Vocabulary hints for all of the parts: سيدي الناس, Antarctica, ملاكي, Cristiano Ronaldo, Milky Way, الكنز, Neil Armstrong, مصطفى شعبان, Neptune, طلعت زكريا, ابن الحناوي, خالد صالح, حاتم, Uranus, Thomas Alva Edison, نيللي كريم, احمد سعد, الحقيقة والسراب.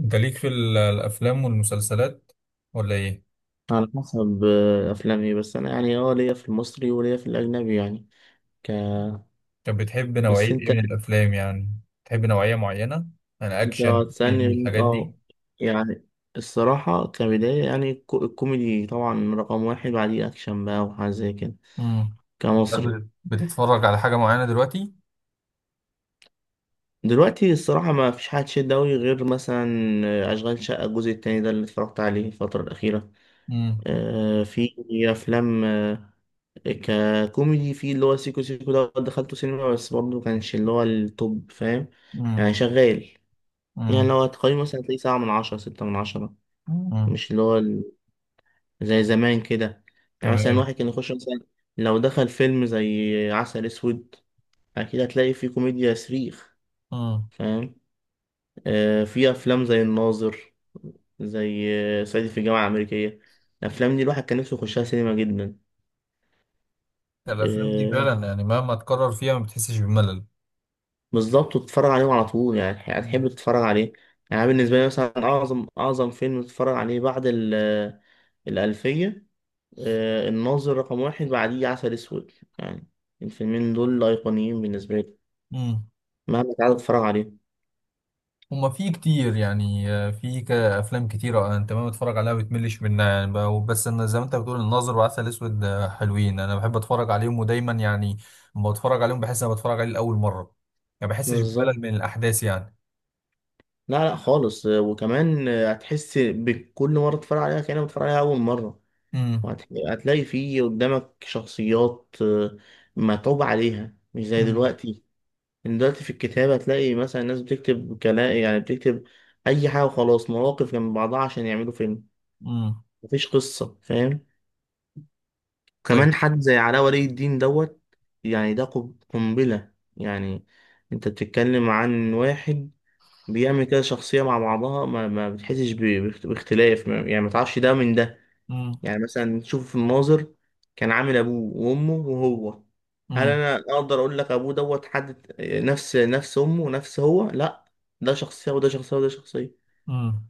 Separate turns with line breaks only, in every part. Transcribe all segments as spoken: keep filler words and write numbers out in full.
انت ليك في ال- الافلام والمسلسلات ولا ايه؟
على حسب آه، افلامي، بس انا يعني اه ليا في المصري وليا في الاجنبي يعني. ك
طب بتحب نوعية
بس
ايه
انت
من الافلام يعني؟ تحب نوعية معينة؟ انا
انت
اكشن كوميدي
هتسالني،
الحاجات دي.
اه يعني. الصراحه كبدايه يعني الكو- الكوميدي طبعا رقم واحد، بعديه اكشن بقى وحاجه زي كده.
امم
كمصري
بت- بتتفرج على حاجة معينة دلوقتي؟
دلوقتي، الصراحه ما فيش حاجه تشد أوي غير مثلا آه، اشغال شقه الجزء التاني ده اللي اتفرجت عليه الفتره الاخيره.
امم.
آه، في افلام ككوميدي، في اللي هو سيكو سيكو ده دخلته سينما، بس برضه كانش اللي هو التوب، فاهم؟
امم.
يعني شغال. يعني
امم.
لو هتقيمه مثلا تلاقيه سبعة من عشرة، ستة من عشرة،
امم.
مش اللي هو ال- زي زمان كده. يعني مثلا
تمام.
واحد كان يخش، مثلا لو دخل فيلم زي عسل أسود، أكيد هتلاقي فيه كوميديا صريخ،
امم.
فاهم؟ آه في أفلام زي الناظر، زي آه، صعيدي في الجامعة الأمريكية. الأفلام دي الواحد كان نفسه يخشها سينما جدا.
الافلام دي
آه،
فعلا يعني مهما تكرر فيها ما بتحسش بملل.
بالظبط، وتتفرج عليهم على طول، يعني هتح- هتحب تتفرج عليه. يعني بالنسبة لي مثلا أعظم أعظم فيلم تتفرج عليه بعد ال- الألفية، آه، الناظر رقم واحد، بعديه عسل أسود، يعني الفيلمين دول أيقونيين بالنسبة لي،
امم.
مهما تعالى تتفرج عليهم.
هما في كتير، يعني آه، في ك- افلام كتير، آه، انت ما بتتفرج عليها بتملش منها، يعني ب- بس انا زي ما انت بتقول الناظر وعسل اسود، آه، حلوين، انا بحب اتفرج عليهم ودايما يعني لما بتفرج عليهم بحس انا بتفرج عليه لاول مره. ما بحسش
بالظبط.
بملل من الاحداث يعني.
لا لا خالص. آه، وكمان آه، هتحس بكل مرة تتفرج عليها كأنك بتتفرج عليها أول مرة.
امم.
وهتلاقي فيه قدامك شخصيات آه، متعوب عليها، مش زي
امم.
دلوقتي. إن دلوقتي في الكتابة هتلاقي مثلا الناس بتكتب كلام، يعني بتكتب أي حاجة وخلاص، مواقف جنب بعضها عشان يعملوا فيلم،
امم.
مفيش قصة، فاهم؟
طيب.
كمان حد زي علاء ولي الدين دوت، يعني ده قب- قنبلة. يعني أنت بتتكلم عن واحد بيعمل كده شخصية مع بعضها، ما, ما بتحسش ب- باخت- باختلاف، ما- يعني ما تعرفش ده من ده.
امم.
يعني مثلا شوف المناظر، كان عامل ابوه وامه وهو، هل انا اقدر اقول لك ابوه دوت حد نفس نفس امه ونفس هو؟ لا، ده شخصيه وده شخصيه وده شخصيه.
امم.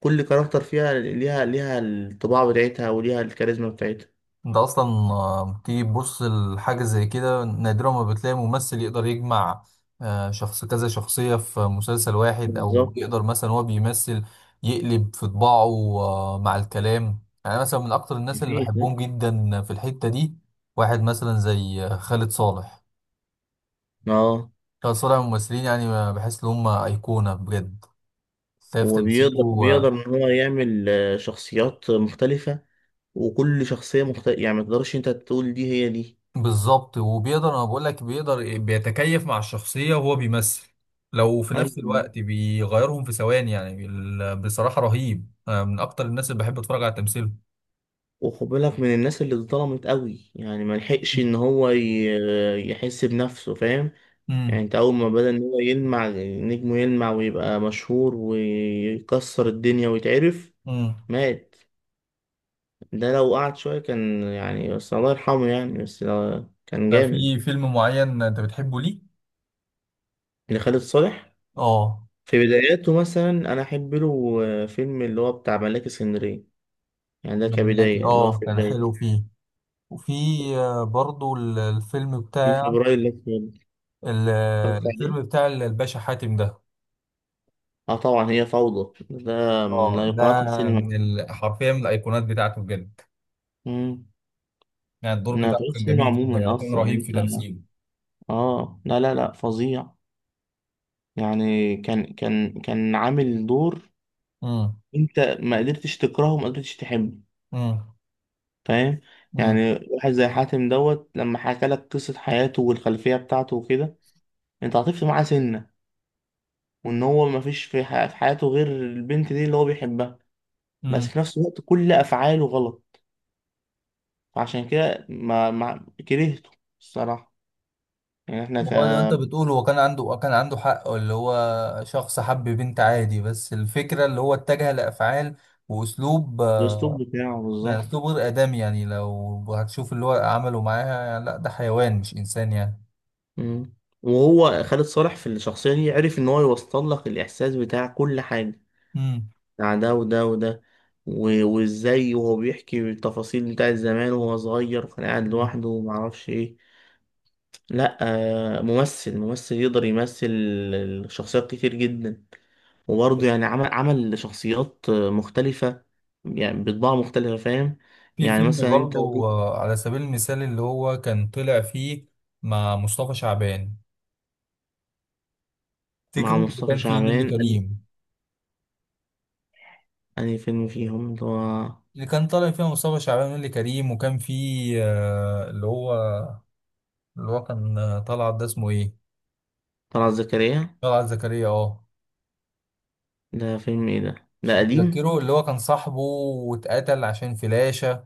كل كاركتر فيها ليها ليها الطباع بتاعتها وليها الكاريزما بتاعتها.
انت اصلا آه، تيجي تبص لحاجه زي كده نادرا ما بتلاقي ممثل يقدر يجمع آه، شخص كذا شخصيه في مسلسل واحد، او
بالظبط.
يقدر مثلا هو بيمثل يقلب في طباعه آه، مع الكلام. يعني مثلا من اكتر الناس اللي
مفيش، لا.
بحبهم جدا في الحته دي واحد مثلا زي آه، خالد صالح.
اه،
خالد صالح من الممثلين، يعني آه، بحس ان هم ايقونه بجد. شايف
وبيقدر
تمثيله
بيقدر
آه،
ان هو يعمل آه، شخصيات مختلفه، وكل شخصيه مختلفه، يعني ما تقدرش انت تقول دي هي دي.
بالظبط. وبيقدر، انا بقول لك بيقدر بيتكيف مع الشخصيه وهو بيمثل لو في نفس
ايوه،
الوقت بيغيرهم في ثواني، يعني ال- بصراحه رهيب. أنا من اكتر الناس اللي بحب اتفرج على تمثيله.
وخد بالك من الناس اللي اتظلمت قوي، يعني ما لحقش ان هو ي- يحس بنفسه، فاهم؟ يعني
امم.
انت اول ما بدأ ان هو يلمع نجمه يلمع ويبقى مشهور ويكسر الدنيا ويتعرف،
امم.
مات. ده لو قعد شوية كان يعني، بس الله يرحمه، يعني بس لو- كان
ده
جامد.
في فيلم معين انت بتحبه ليه؟
اللي خالد صالح
اه.
في بداياته مثلا، انا احب له فيلم اللي هو بتاع ملاك اسكندرية، يعني ده
ملاكي،
كبداية اللي هو
اه،
في
كان حلو
بداية.
فيه. وفي آه، برضو ال- الفيلم
في
بتاع
فبراير اللي فات
ال-
اتفرجت عليه.
الفيلم بتاع الباشا حاتم ده.
اه طبعا هي فوضى، ده من
اه، ده
ايقونات السينما.
من ال- حرفيا من الايقونات بتاعته بجد.
امم
يعني الدور
من ايقونات
بتاعه كان
السينما
جميل جدا يعني،
عموما
وكان
اصلا يعني.
رهيب في
انت
تمثيله.
اه، لا لا لا فظيع. يعني كان كان كان عامل دور،
امم.
انت ما قدرتش تكرهه وما قدرتش تحبه،
امم.
فاهم؟
امم.
يعني واحد زي حاتم دوت لما حكى لك قصة حياته والخلفية بتاعته وكده، انت عاطفت معاه سنة، وان هو ما فيش في ح- في حياته غير البنت دي اللي هو بيحبها، بس
امم.
في نفس الوقت كل افعاله غلط، فعشان كده ما ما كرهته الصراحة. يعني احنا ك
هو ده، انت بتقول هو كان عنده، كان عنده حق اللي هو شخص حب بنت عادي، بس الفكرة اللي هو اتجه لأفعال وأسلوب
الاسلوب
آه،
بتاعه
يعني
بالظبط.
أسلوب غير آدمي. يعني لو هتشوف اللي هو عمله معاها، يعني لا، ده حيوان مش إنسان يعني.
مم. وهو خالد صالح في الشخصية دي عرف إن هو يوصل لك الإحساس بتاع كل حاجة،
امم.
بتاع ده وده وده، و- وإزاي وهو بيحكي التفاصيل بتاعت زمان وهو صغير وكان قاعد
امم.
لوحده ومعرفش إيه. لأ، آه، ممثل ممثل يقدر يمثل شخصيات كتير جدا، وبرضه يعني عمل عمل شخصيات مختلفة، يعني بطباع مختلفة، فاهم؟
في
يعني
فيلم
مثلا أنت لو
برضو
جيت
آه، على سبيل المثال اللي هو كان طلع فيه مع مصطفى شعبان، تفتكر
مع
اللي
مصطفى
كان فيه نيللي
شعبان،
كريم؟
أنهي فيلم فيهم اللي هو
اللي كان طالع فيها مصطفى شعبان ونيلي كريم وكان فيه آه، اللي هو، اللي هو كان آه، طلعت، ده اسمه ايه؟
طلعت زكريا؟
طلعت زكريا، اه.
ده فيلم إيه ده؟
مش
ده قديم؟
متذكره، اللي هو كان صاحبه واتقتل عشان فلاشة.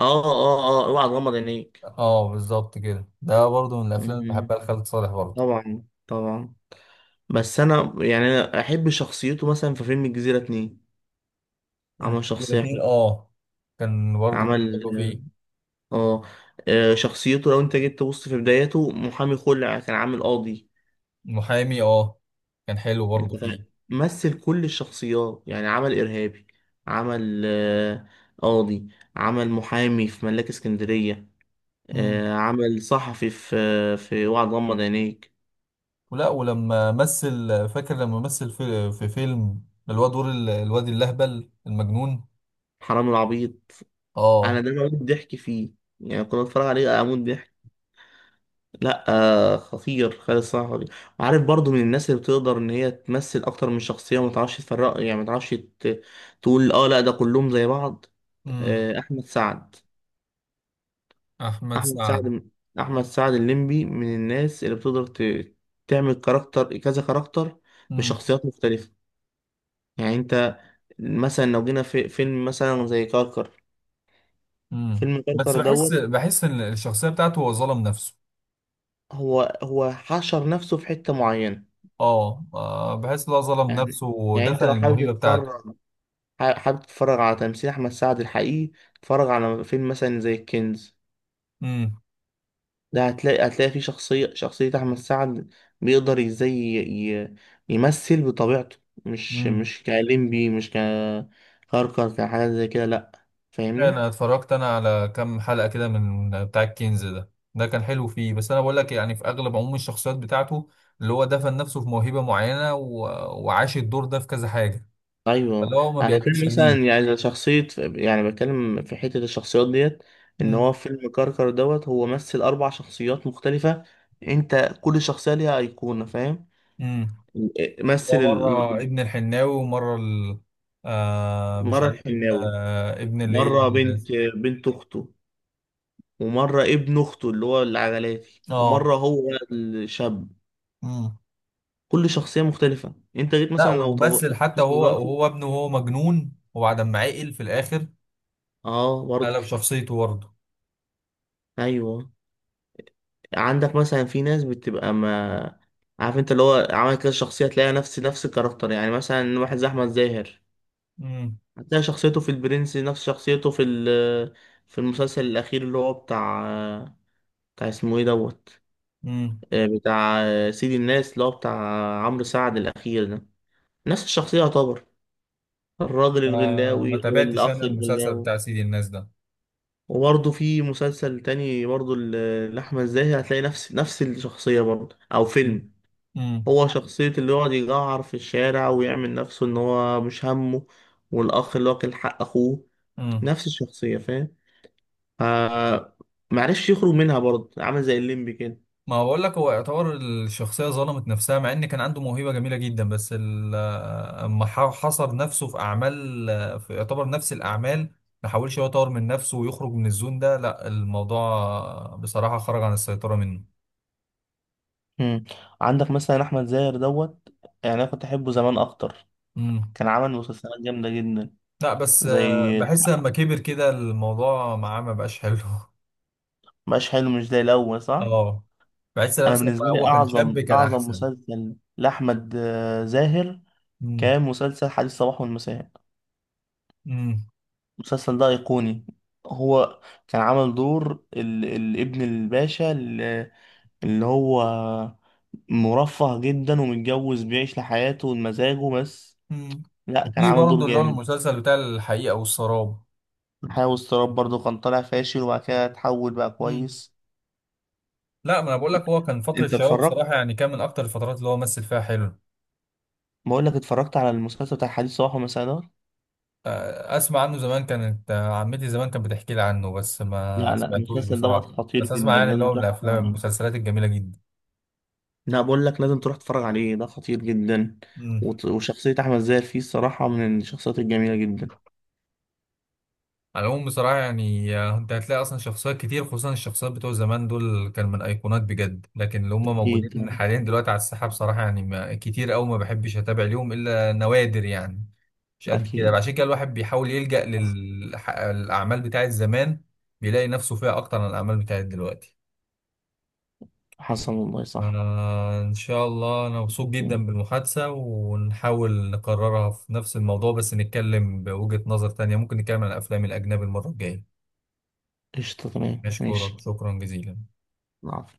آه آه آه أوعى تغمض عينيك.
اه، بالظبط كده. ده برضه من الافلام اللي
مم.
بحبها لخالد صالح برضه.
طبعا طبعا. بس أنا يعني أنا أحب شخصيته مثلا في فيلم الجزيرة اتنين، عمل شخصية
الاثنين،
حلوة.
اه، كان برضه، كان
عمل
حلو فيه.
آه آه، شخصيته لو أنت جيت تبص في بدايته، محامي خلع، كان عامل قاضي.
المحامي، اه، كان حلو برضه
أنت فا-
فيه.
مثل كل الشخصيات، يعني عمل إرهابي، عمل آه، قاضي، عمل محامي في ملاك اسكندرية،
مم.
آه، عمل صحفي في في وعد غمض عينيك.
ولا ولما مثل، فاكر لما مثل في, في فيلم اللي هو دور ال- الواد اللهبل المجنون؟
حرام العبيط، انا
اه.
ده بموت ضحك فيه. يعني كنت اتفرج عليه آه، اموت ضحك. لا، آه خطير خالد صحفي. عارف برضو من الناس اللي بتقدر ان هي تمثل اكتر من شخصيه، وما تعرفش تفرق، يعني ما تعرفش ت- تقول اه لا ده كلهم زي بعض.
مم.
آه، احمد سعد
احمد
احمد
سعد.
سعد احمد سعد الليمبي من الناس اللي بتقدر ت- تعمل كاركتر كذا كاركتر
امم.
بشخصيات مختلفه. يعني انت مثلا لو جينا في فيلم مثلا زي كركر،
امم.
فيلم
بس
كركر
بحس،
دوت،
بحس ان الشخصيه بتاعته هو ظلم نفسه.
هو هو حشر نفسه في حتة معينة.
اه، آه، بحس ان هو ظلم
يعني
نفسه
يعني
ودفن
انت لو حابب
الموهبه بتاعته.
تتفرج ح- حابب تتفرج على تمثيل احمد سعد الحقيقي، اتفرج على فيلم مثلا زي الكنز.
امم.
ده هتلاقي هتلاقي فيه شخصية شخصية احمد سعد، بيقدر ازاي ي- ي- يمثل بطبيعته. مش
امم.
مش كليمبي، مش ككركر كحاجة زي كده، لا. فاهمني؟
انا اتفرجت انا على كام حلقه كده من بتاع الكنز ده، ده كان حلو فيه، بس انا بقول لك يعني في اغلب عموم الشخصيات بتاعته اللي هو دفن نفسه في موهبه معينه، و... وعاش الدور ده في كذا حاجه، فاللي
ايوه.
هو ما
انا
بيقدمش
بتكلم مثلا
جديد.
يعني شخصيه، يعني بتكلم في حته الشخصيات ديت، ان هو فيلم كركر دوت هو مثل اربع شخصيات مختلفه، انت كل شخصيه ليها ايقونه، فاهم؟
امم.
مثل
هو مرة
ال-
ابن الحناوي ومرة ال... آه، مش
مره
عارف ابن،
الحناوي،
آه، ابن اللي هي
مره بنت
ال-
بنت اخته، ومره ابن اخته اللي هو العجلاتي،
اه.
ومره هو الشاب.
امم.
كل شخصيه مختلفه. انت جيت
لا،
مثلا، لو طب لو
ومثل حتى
تبص
وهو،
دلوقتي،
وهو ابنه وهو مجنون وبعد ما عقل في الآخر
اه برضه.
قلب شخصيته برضه.
ايوه، عندك مثلا في ناس بتبقى، ما عارف، انت اللي هو عمل كده شخصية تلاقي نفس نفس الكاركتر، يعني مثلا واحد زي أحمد زاهر،
امم.
هتلاقي شخصيته في البرنس نفس شخصيته في ال في المسلسل الأخير اللي هو بتاع بتاع اسمه ايه دوت،
امم.
آه، بتاع آه، سيد الناس اللي هو بتاع عمرو سعد الأخير ده. نفس الشخصية يعتبر، الراجل
ما ما
الغلاوي
تابعتش
والأخ
انا المسلسل
الغلاوي.
بتاع سيدي الناس ده.
وبرضه في مسلسل تاني برضه ل- لأحمد زاهر هتلاقي نفس نفس الشخصية برضه أو
امم.
فيلم، هو شخصية اللي يقعد يجعر في الشارع ويعمل نفسه إن هو مش همه، والأخ اللي واكل حق أخوه،
امم.
نفس الشخصية، فاهم؟ آه، معرفش يخرج منها برضه، عامل زي الليمبي كده.
ما بقول لك هو يعتبر الشخصية ظلمت نفسها، مع ان كان عنده موهبة جميلة جدا، بس ال- اما ح- حصر نفسه في اعمال، في يعتبر نفس الاعمال، ما حاولش هو يطور من نفسه ويخرج من الزون ده. لا، الموضوع بصراحة خرج عن السيطرة منه.
مم. عندك مثلا احمد زاهر دوت، يعني انا كنت احبه زمان اكتر،
امم.
كان عمل مسلسلات جامده جدا.
لا، بس
زي
آه، بحس لما كبر كده الموضوع معاه ما بقاش حلو.
مش حلو، مش زي الاول، صح.
اه، بحس لما
انا
مثلا
بالنسبه
لما هو
لي
كان شاب
اعظم
كان
اعظم
احسن.
مسلسل لاحمد آه، زاهر
امم.
كان مسلسل حديث الصباح والمساء.
امم.
المسلسل ده أيقوني. هو كان عمل دور ال... الابن الباشا اللي... اللي هو مرفه جدا، ومتجوز، بيعيش لحياته ومزاجه بس.
امم.
لا كان
وفي
عامل دور
برضه اللي هو
جامد.
المسلسل بتاع الحقيقة والسراب.
حياة واضطراب برضه كان طالع فاشل وبعد كده اتحول بقى كويس.
لا، ما انا بقول لك هو كان فتره
انت
شبابه
اتفرجت،
بصراحه، يعني كان من اكتر الفترات اللي هو مثل فيها حلو.
بقول لك اتفرجت على المسلسل بتاع حديث صباح ومساء ده؟
آه، اسمع عنه زمان، كانت آه، عمتي زمان كانت بتحكي لي عنه، بس ما
لا لا،
سمعتوش
المسلسل دوت
بصراحه،
خطير
بس اسمع
جدا،
يعني اللي
لازم
هو من
تروح تتفرج
الافلام
عليه.
المسلسلات الجميله جدا.
لا بقول لك لازم تروح تتفرج عليه، ده خطير جدا.
مم.
وت- وشخصية أحمد زاهر فيه الصراحة من الشخصيات الجميلة جدا.
على العموم بصراحة يعني آه، انت هتلاقي اصلا شخصيات كتير، خصوصا الشخصيات بتوع زمان دول كان من ايقونات بجد، لكن اللي هم
أكيد
موجودين
يعني.
حاليا دلوقتي على الساحة بصراحة يعني ما كتير قوي، ما بحبش اتابع ليهم الا نوادر يعني. مش قد كده،
أكيد.
عشان كده الواحد بيحاول يلجأ
حصل.
للأعمال بتاعت زمان، بيلاقي نفسه فيها اكتر من الأعمال بتاعت دلوقتي.
حصل والله صح.
آه، ان شاء الله انا مبسوط
مم.
جدا بالمحادثة، ونحاول نكررها في نفس الموضوع، بس نتكلم بوجهة نظر تانية، ممكن نتكلم عن الافلام الاجنبي المرة الجاية.
قشطة، تمام، ماشي.
نشكرك شكرا جزيلا.
العفو.